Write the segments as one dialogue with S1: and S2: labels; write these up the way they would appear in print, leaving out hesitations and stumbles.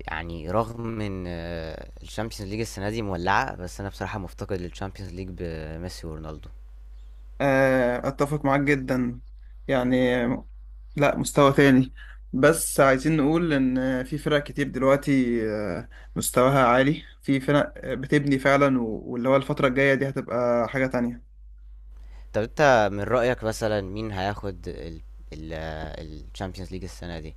S1: يعني رغم ان الشامبيونز ليج السنه دي مولعه، بس انا بصراحه مفتقد للشامبيونز ليج بميسي ورونالدو.
S2: اتفق معاك جدا. يعني لا، مستوى تاني. بس عايزين نقول ان في فرق كتير دلوقتي مستواها عالي، في فرق بتبني فعلا واللي هو الفترة الجاية دي هتبقى حاجة تانية.
S1: طب انت من رايك مثلا مين هياخد الشامبيونز ليج السنه دي،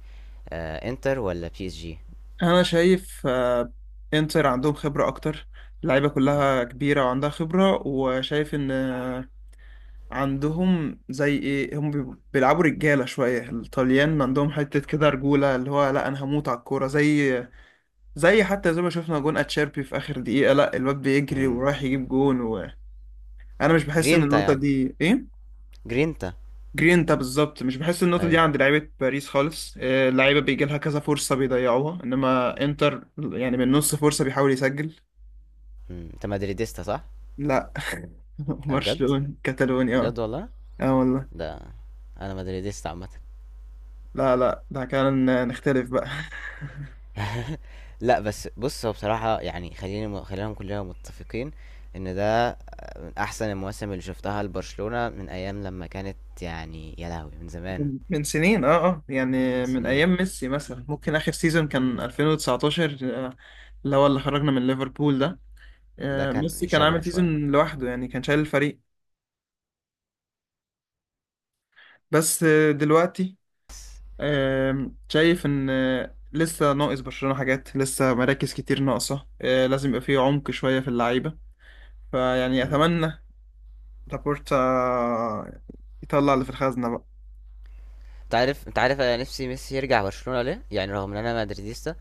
S1: انتر ولا بي اس جي؟
S2: انا شايف انتر عندهم خبرة اكتر، اللعيبة كلها كبيرة وعندها خبرة، وشايف ان عندهم زي ايه، هم بيلعبوا رجالة شوية. الطليان عندهم حتة كده رجولة، اللي هو لا، انا هموت على الكورة زي حتى زي ما شفنا جون اتشيربي في اخر دقيقة، لا الواد بيجري
S1: مم.
S2: ورايح يجيب جون، وانا مش بحس ان
S1: جرينتا
S2: النقطة
S1: يعني،
S2: دي ايه.
S1: جرينتا.
S2: جرينتا بالظبط، مش بحس النقطة دي
S1: ايوه.
S2: عند لعيبة باريس خالص. اللعيبة بيجي لها كذا فرصة بيضيعوها، انما انتر يعني من نص فرصة بيحاول يسجل.
S1: مم. انت مدريديستا صح؟
S2: لا.
S1: بجد؟
S2: برشلونة، كتالونيا، اه.
S1: بجد والله؟
S2: اه والله.
S1: ده انا مدريديستا عامه.
S2: لا لا، ده كان نختلف بقى.
S1: لأ، بس بُص، هو بصراحة يعني خلّينا كلّنا متّفقين إن ده من أحسن المواسم اللي شُفتها لبرشلونة من أيام لمّا كانت، يعني يا لهوي! من زمان،
S2: من سنين، اه اه،
S1: من
S2: يعني من
S1: سنين،
S2: ايام ميسي مثلا، ممكن اخر سيزون كان 2019. آه، اللي هو اللي خرجنا من ليفربول ده.
S1: ده كان
S2: ميسي كان
S1: شبهه
S2: عامل
S1: شوية.
S2: سيزون لوحده، يعني كان شايل الفريق. بس دلوقتي.
S1: بس.
S2: شايف ان لسه ناقص برشلونة حاجات، لسه مراكز كتير ناقصة. لازم يبقى فيه عمق شوية في اللعيبة. فيعني
S1: إمم.
S2: اتمنى لابورتا يطلع اللي في الخزنة بقى.
S1: أنت عارف أنا نِفْسي ميسي يرجع برشلونة، ليه؟ يعني رغم إن أنا مدريديستا،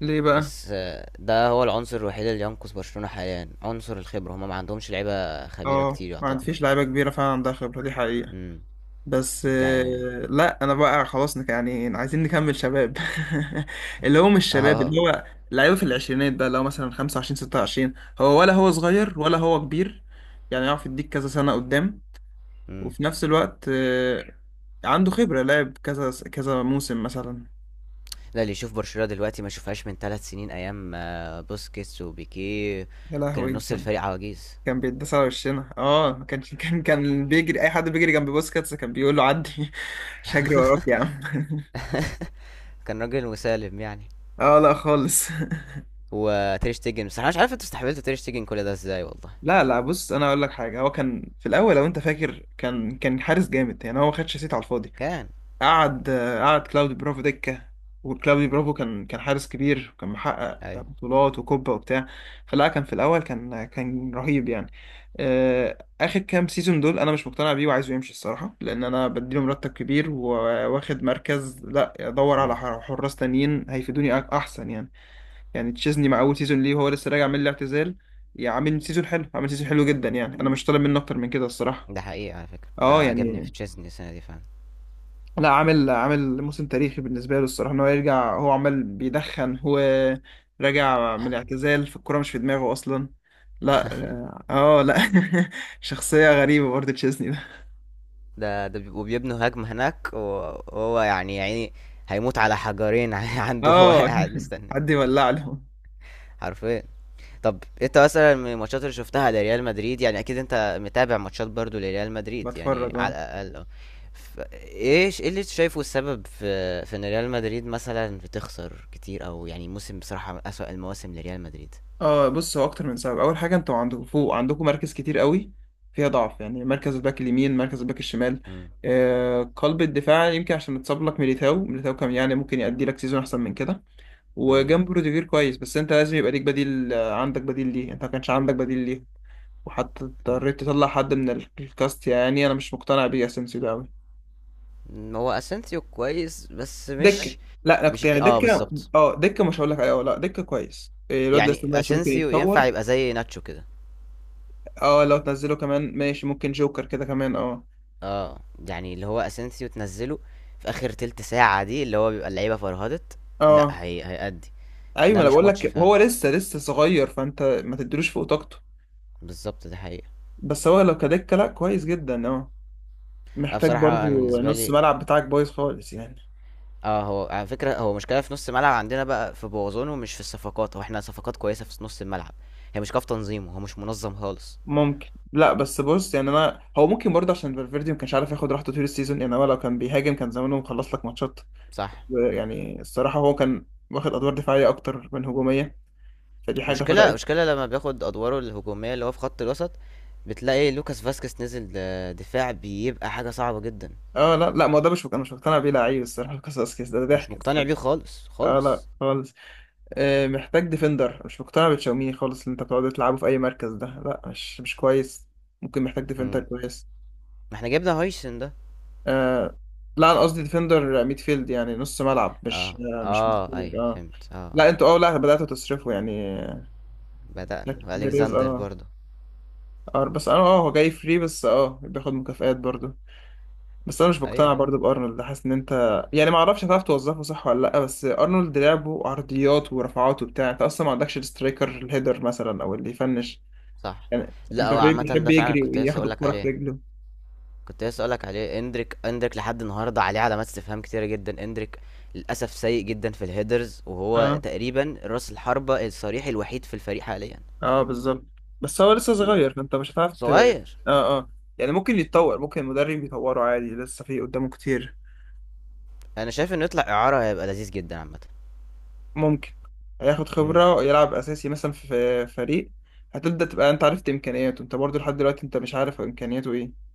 S2: ليه بقى.
S1: بس ده هو العنصر الوحيد اللي ينقذ برشلونة حاليًا، عنصر الخبرة، هم ما عندهمش لعيبة خبيرة
S2: اه،
S1: كتير
S2: ما عاد
S1: يعتبر.
S2: فيش لعيبة كبيرة فعلا عندها خبرة، دي حقيقة.
S1: إمم.
S2: بس
S1: يعني.
S2: لا، انا بقى خلاص، يعني عايزين نكمل شباب. اللي هو مش شباب،
S1: آه.
S2: اللي هو لعيبه في العشرينات بقى، اللي هو مثلا 25 26. هو ولا هو صغير ولا هو كبير، يعني يعرف يديك كذا سنه قدام.
S1: إمم.
S2: وفي نفس الوقت عنده خبره لعب كذا كذا موسم مثلا.
S1: لا، اللي يشوف برشلونة دلوقتي ما شوفهاش من ثلاث سنين، ايام بوسكيتس وبيكيه،
S2: يا
S1: كان
S2: لهوي،
S1: نص الفريق عواجيز.
S2: كان بيتداس على وشنا. اه، ما كانش كان بيجري، اي حد بيجري جنب بوسكاتس كان بيقول له عدي. مش هجري وراك يا عم.
S1: كان راجل مسالم يعني.
S2: اه، لا خالص.
S1: وتير شتيجن، بس انا مش عارف انتوا استحملتوا تير شتيجن كل ده ازاي والله.
S2: لا لا، بص، انا اقول لك حاجه. هو كان في الاول، لو انت فاكر، كان حارس جامد. يعني هو ما خدش سيت على الفاضي.
S1: كان.
S2: قعد كلاودي برافو دكه، وكلاودي برافو كان حارس كبير، وكان محقق
S1: ايوه.
S2: بطولات وكوبا وبتاع. فلا، كان في الاول كان رهيب يعني. اخر كام سيزون دول انا مش مقتنع بيه، وعايزه يمشي الصراحه، لان انا بديله مرتب كبير وواخد مركز، لا ادور على
S1: امم.
S2: حراس تانيين هيفيدوني احسن يعني. يعني تشيزني مع اول سيزون ليه وهو لسه راجع من الاعتزال، يعني عامل سيزون حلو، عامل سيزون حلو جدا. يعني انا مش طالب منه اكتر من كده الصراحه.
S1: ده حقيقي على فكرة،
S2: اه
S1: ده عجبني في
S2: يعني،
S1: تشيزني السنة دي فعلا.
S2: لا عامل موسم تاريخي بالنسبه له الصراحه. ان هو يرجع، هو عمال بيدخن، هو راجع من الاعتزال في الكوره مش في دماغه اصلا. لا. اه لا. شخصيه غريبه برضه تشيزني ده.
S1: ده بيبنوا هجمة هناك وهو يعني هيموت على حجرين عنده، هو
S2: اه.
S1: قاعد مستني.
S2: حد يولع له.
S1: حرفيا. طب انت مثلا من الماتشات اللي شفتها لريال مدريد، يعني اكيد انت متابع ماتشات برضو لريال مدريد يعني
S2: بتفرج
S1: على
S2: اه.
S1: الاقل، اه. ف- ايه اللي انت شايفه السبب في ان ريال مدريد مثلا بتخسر كتير، او يعني موسم بصراحة من اسوأ المواسم لريال مدريد.
S2: اه، بص، هو اكتر من سبب. اول حاجه انتوا عندكم فوق، عندكم مراكز كتير قوي فيها ضعف، يعني مركز الباك اليمين، مركز الباك الشمال.
S1: مم.
S2: آه، قلب الدفاع، يمكن عشان متصاب لك ميليتاو كان يعني ممكن يأدي لك سيزون احسن من كده.
S1: مم.
S2: وجنبه روديجير كويس، بس انت لازم يبقى ليك بديل. عندك بديل ليه، انت ما كانش عندك بديل ليه. وحتى
S1: مم.
S2: اضطريت تطلع حد من الكاست، يعني انا مش مقتنع بيه اسينسيو ده قوي.
S1: هو اسينسيو كويس بس
S2: دكه.
S1: مش،
S2: لا انا كنت يعني
S1: اه
S2: دكه.
S1: بالظبط.
S2: اه دكه، مش هقول لك ايوه، لا دكه كويس. الواد لسه
S1: يعني
S2: ماشي، ممكن
S1: اسينسيو ينفع
S2: يتطور.
S1: يبقى زي ناتشو كده.
S2: اه، لو تنزله كمان ماشي، ممكن جوكر كده كمان، اه.
S1: اه. يعني اللي هو اسينسيو تنزله في اخر تلت ساعة دي، اللي هو بيبقى اللعيبة فرهدت.
S2: اه
S1: لا هي هيأدي.
S2: ايوه،
S1: ده
S2: انا
S1: مش
S2: بقول
S1: ماتش
S2: لك
S1: فعلا.
S2: هو لسه صغير، فانت ما تديلوش فوق طاقته.
S1: بالظبط، دي حقيقة.
S2: بس هو لو كدكه لا كويس جدا اه.
S1: أنا
S2: محتاج
S1: بصراحة أنا
S2: برضو،
S1: بالنسبة
S2: نص
S1: لي،
S2: ملعب بتاعك بايظ خالص يعني.
S1: اه هو على فكرة هو مشكلة في نص الملعب عندنا بقى في بوظونه مش في الصفقات، هو احنا صفقات كويسة في نص الملعب، هي مشكلة في تنظيمه، هو مش منظم خالص.
S2: ممكن، لا بس بص يعني، انا هو ممكن برضه عشان فالفيردي ما كانش عارف ياخد راحته طول السيزون. يعني هو لو كان بيهاجم كان زمانه مخلص لك ماتشات.
S1: صح.
S2: يعني الصراحه هو كان واخد ادوار دفاعيه اكتر من هجوميه، فدي حاجه
S1: مشكلة،
S2: فرقت.
S1: مشكلة لما بياخد أدواره الهجومية اللي هو في خط الوسط، بتلاقي لوكاس فاسكيز نزل دفاع، بيبقى حاجة صعبة جدا.
S2: اه لا لا، ما هو ده مش، انا مش مقتنع بيه لعيب الصراحه. قصص كده، ده
S1: مش
S2: ضحك
S1: مقتنع
S2: الصراحه.
S1: بيه خالص
S2: اه لا
S1: خالص.
S2: خالص. محتاج ديفندر، مش مقتنع بتشاوميني خالص. اللي انت بتقعد تلعبه في اي مركز ده لا، مش كويس. ممكن محتاج ديفندر
S1: مم.
S2: كويس.
S1: ما احنا جبنا هايسن ده.
S2: آه، لا انا قصدي ديفندر ميدفيلد، يعني نص ملعب، مش
S1: اه
S2: آه مش
S1: اه
S2: مدافع
S1: ايوه
S2: اه.
S1: فهمت اه. آه.
S2: لا انتوا اه، لا بدأتوا تصرفوا يعني.
S1: بدأنا،
S2: محتاج بيريز
S1: والكساندر
S2: اه.
S1: برضه.
S2: اه، بس انا هو جاي فري، بس بياخد مكافآت برضه. بس انا مش مقتنع
S1: ايوه.
S2: برضه بارنولد، حاسس ان انت يعني ما اعرفش هتعرف توظفه صح ولا لا. بس ارنولد لعبه عرضيات ورفعات وبتاع، انت اصلا ما عندكش السترايكر الهيدر مثلا او اللي يفنش.
S1: صح.
S2: يعني
S1: لا هو
S2: امبابي
S1: عامة
S2: بيحب
S1: ده فعلا،
S2: يجري
S1: كنت لسه
S2: وياخد
S1: اقولك
S2: الكرة في
S1: عليه،
S2: رجله.
S1: كنت لسه اقولك عليه. اندريك، اندريك لحد النهارده عليه علامات استفهام كتيرة جدا. اندريك للاسف سيء جدا في الهيدرز، وهو
S2: اه
S1: تقريبا راس الحربة الصريح الوحيد في الفريق حاليا.
S2: اه بالظبط. بس هو لسه
S1: هو
S2: صغير، فانت مش هتعرف اه.
S1: صغير.
S2: اه يعني ممكن يتطور، ممكن المدرب يطوره عادي، لسه في قدامه كتير.
S1: انا شايف انه يطلع اعارة هيبقى لذيذ جدا عامة.
S2: ممكن. هياخد
S1: مم.
S2: خبرة يلعب أساسي مثلا في فريق. هتبدأ تبقى أنت عرفت إمكانياته، أنت برضو لحد دلوقتي أنت مش عارف إمكانياته إيه.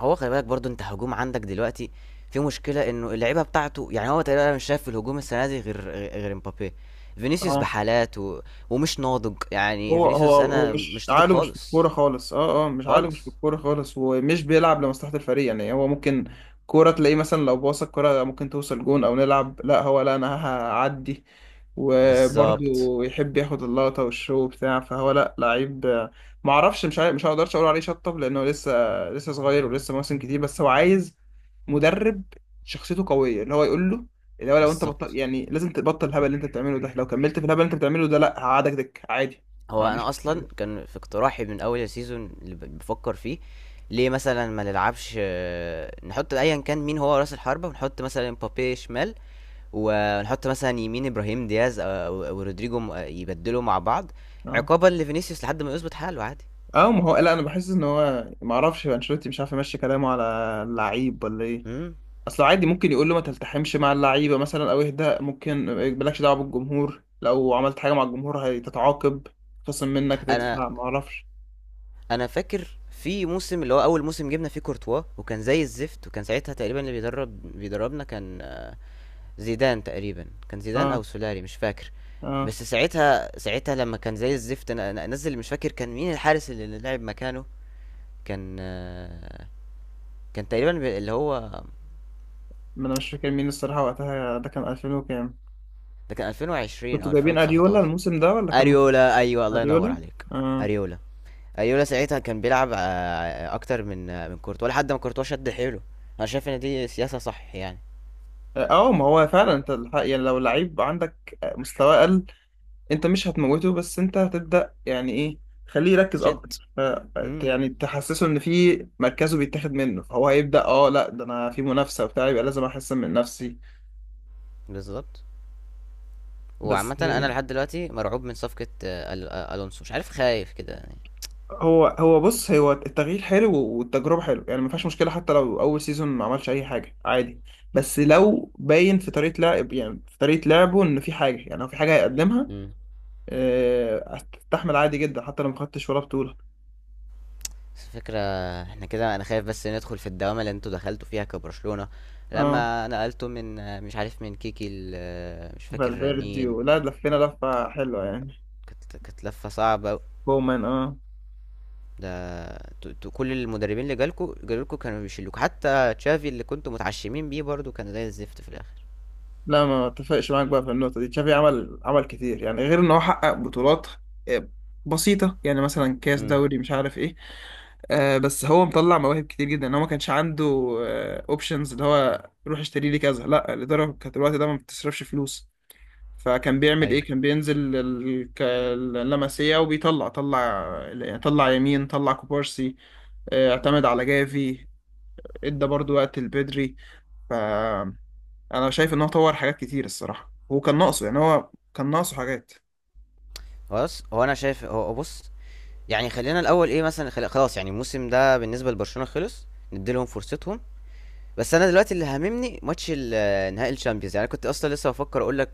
S1: هو خلي بالك برضو، انت هجوم عندك دلوقتي في مشكلة، انه اللعيبة بتاعته يعني هو تقريبا مش شايف في الهجوم السنة دي غير، غير مبابي. فينيسيوس
S2: اه.
S1: بحالات و... ومش ناضج يعني، فينيسيوس
S2: هو
S1: انا
S2: مش
S1: مش ناضج
S2: عقله مش في
S1: خالص.
S2: الكورة خالص. اه اه، مش عقله مش في
S1: خالص.
S2: الكورة خالص، ومش بيلعب لمصلحة الفريق. يعني هو ممكن كورة تلاقيه مثلا، لو باص الكورة ممكن توصل جون او نلعب، لا هو، لا انا هعدي. وبرضه
S1: بالظبط.
S2: يحب ياخد اللقطة والشو بتاع، فهو لا لعيب معرفش، مش عارف، مش هقدرش اقول عليه شطب، لانه لسه صغير، ولسه مواسم كتير. بس هو عايز مدرب شخصيته قويه، اللي هو يقول له، اللي هو لو انت بطل
S1: بالظبط.
S2: يعني لازم تبطل الهبل اللي انت بتعمله ده. لو كملت في الهبل اللي انت بتعمله ده لا، هقعدك دك عادي. ما
S1: هو
S2: عنديش
S1: انا اصلا
S2: مشكله.
S1: كان في اقتراحي من اول السيزون اللي بفكر فيه: ليه مثلا ما نلعبش، نحط ايا كان مين هو راس الحربة، ونحط مثلا مبابي شمال، ونحط مثلا يمين ابراهيم دياز أو رودريجو، يبدلوا مع بعض،
S2: اه
S1: عقابا لفينيسيوس لحد ما يظبط حاله عادي.
S2: اه، ما هو لا، انا بحس ان هو، ما اعرفش، انشيلوتي مش عارف يمشي كلامه على اللعيب ولا ايه.
S1: مم.
S2: اصل عادي ممكن يقول له ما تلتحمش مع اللعيبه مثلا، او اهدى، ممكن ما يقبلكش دعوه بالجمهور، لو عملت حاجه مع الجمهور هتتعاقب، خصم منك،
S1: انا
S2: هتدفع، ما اعرفش.
S1: انا فاكر في موسم، اللي هو اول موسم جبنا فيه كورتوا وكان زي الزفت، وكان ساعتها تقريبا اللي بيدربنا كان زيدان، تقريبا كان زيدان او
S2: اه
S1: سولاري مش فاكر.
S2: اه،
S1: بس ساعتها، ساعتها لما كان زي الزفت، انا انزل مش فاكر كان مين الحارس اللي لعب مكانه، كان كان تقريبا اللي هو،
S2: ما انا مش فاكر مين الصراحه وقتها، ده كان 2000 وكام.
S1: ده كان 2020 او
S2: كنتوا جايبين اريولا
S1: 2019.
S2: الموسم ده ولا كان.
S1: اريولا، ايوه، الله ينور
S2: اريولا.
S1: عليك.
S2: اه.
S1: اريولا. اريولا ساعتها كان بيلعب اكتر من من كورتوا، لحد ما كورتوا شد حيله. انا شايف ان دي سياسة صح يعني.
S2: اه ما هو فعلا انت الحق، يعني لو لعيب عندك مستواه اقل انت مش هتموته، بس انت هتبدا يعني ايه، خليه يركز اكتر،
S1: جد.
S2: ف
S1: امم.
S2: يعني تحسسه ان في مركزه بيتاخد منه، فهو هيبدا اه لا، ده انا في منافسه وبتاع، يبقى لازم احسن من نفسي.
S1: بالظبط.
S2: بس
S1: وعامة انا لحد دلوقتي مرعوب من صفقة الونسو، مش عارف، خايف كده يعني.
S2: هو بص، هو التغيير حلو والتجربه حلو يعني، ما فيهاش مشكله حتى لو اول سيزون ما عملش اي حاجه عادي. بس لو باين في طريقه لعب، يعني في طريقه لعبه ان في حاجه، يعني هو في حاجه هيقدمها.
S1: امم.
S2: استحمل عادي جدا حتى لو ما خدتش ولا بطولة.
S1: بس الفكرة، احنا كده، انا خايف بس ندخل في الدوامة اللي انتوا دخلتوا فيها كبرشلونة
S2: اه،
S1: لما نقلتوا من مش عارف من كيكي مش فاكر
S2: فالفيردي
S1: مين.
S2: ولا لفينا لفة حلوة يعني.
S1: كانت لفة صعبة أوي.
S2: بومان اه.
S1: ده انتوا، انتوا كل المدربين اللي جالكوا كانوا بيشيلوكوا، حتى تشافي اللي كنتوا متعشمين بيه برضو كان زي الزفت في الاخر.
S2: لا ما اتفقش معاك بقى في النقطة دي، تشافي عمل كتير يعني، غير ان هو حقق بطولات آه، بسيطة، يعني مثلا كاس
S1: امم.
S2: دوري مش عارف ايه. آه، بس هو مطلع مواهب كتير جدا، ان هو ما كانش عنده اوبشنز اللي هو روح اشتري لي كذا، لا الإدارة كانت الوقت ده ما بتصرفش فلوس. فكان بيعمل ايه،
S1: ايوه.
S2: كان بينزل اللمسيه، وبيطلع طلع يمين طلع كوبارسي. اعتمد على جافي، ادى برضو وقت البدري. فانا شايف ان هو طور حاجات كتير الصراحه، هو كان ناقصه، يعني هو كان ناقصه حاجات.
S1: خلاص، هو انا شايف، هو بص، يعني خلينا الاول ايه مثلا، خلاص يعني الموسم ده بالنسبة لبرشلونة خلص، نديلهم فرصتهم. بس انا دلوقتي اللي هاممني ماتش نهائي الشامبيونز. يعني أنا كنت اصلا لسه بفكر اقول لك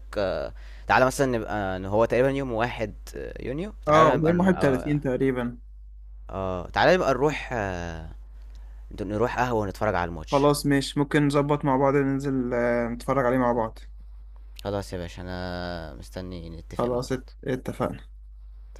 S1: تعالى مثلا نبقى، إن هو تقريبا يوم واحد يونيو،
S2: اه،
S1: تعالى نبقى
S2: قدام
S1: اه،
S2: 31 تقريبا.
S1: تعالى نبقى نروح نروح قهوة ونتفرج على الماتش.
S2: خلاص ماشي، ممكن نظبط مع بعض ننزل نتفرج عليه مع بعض.
S1: خلاص يا باشا، انا مستني نتفق مع
S2: خلاص
S1: بعض.
S2: اتفقنا.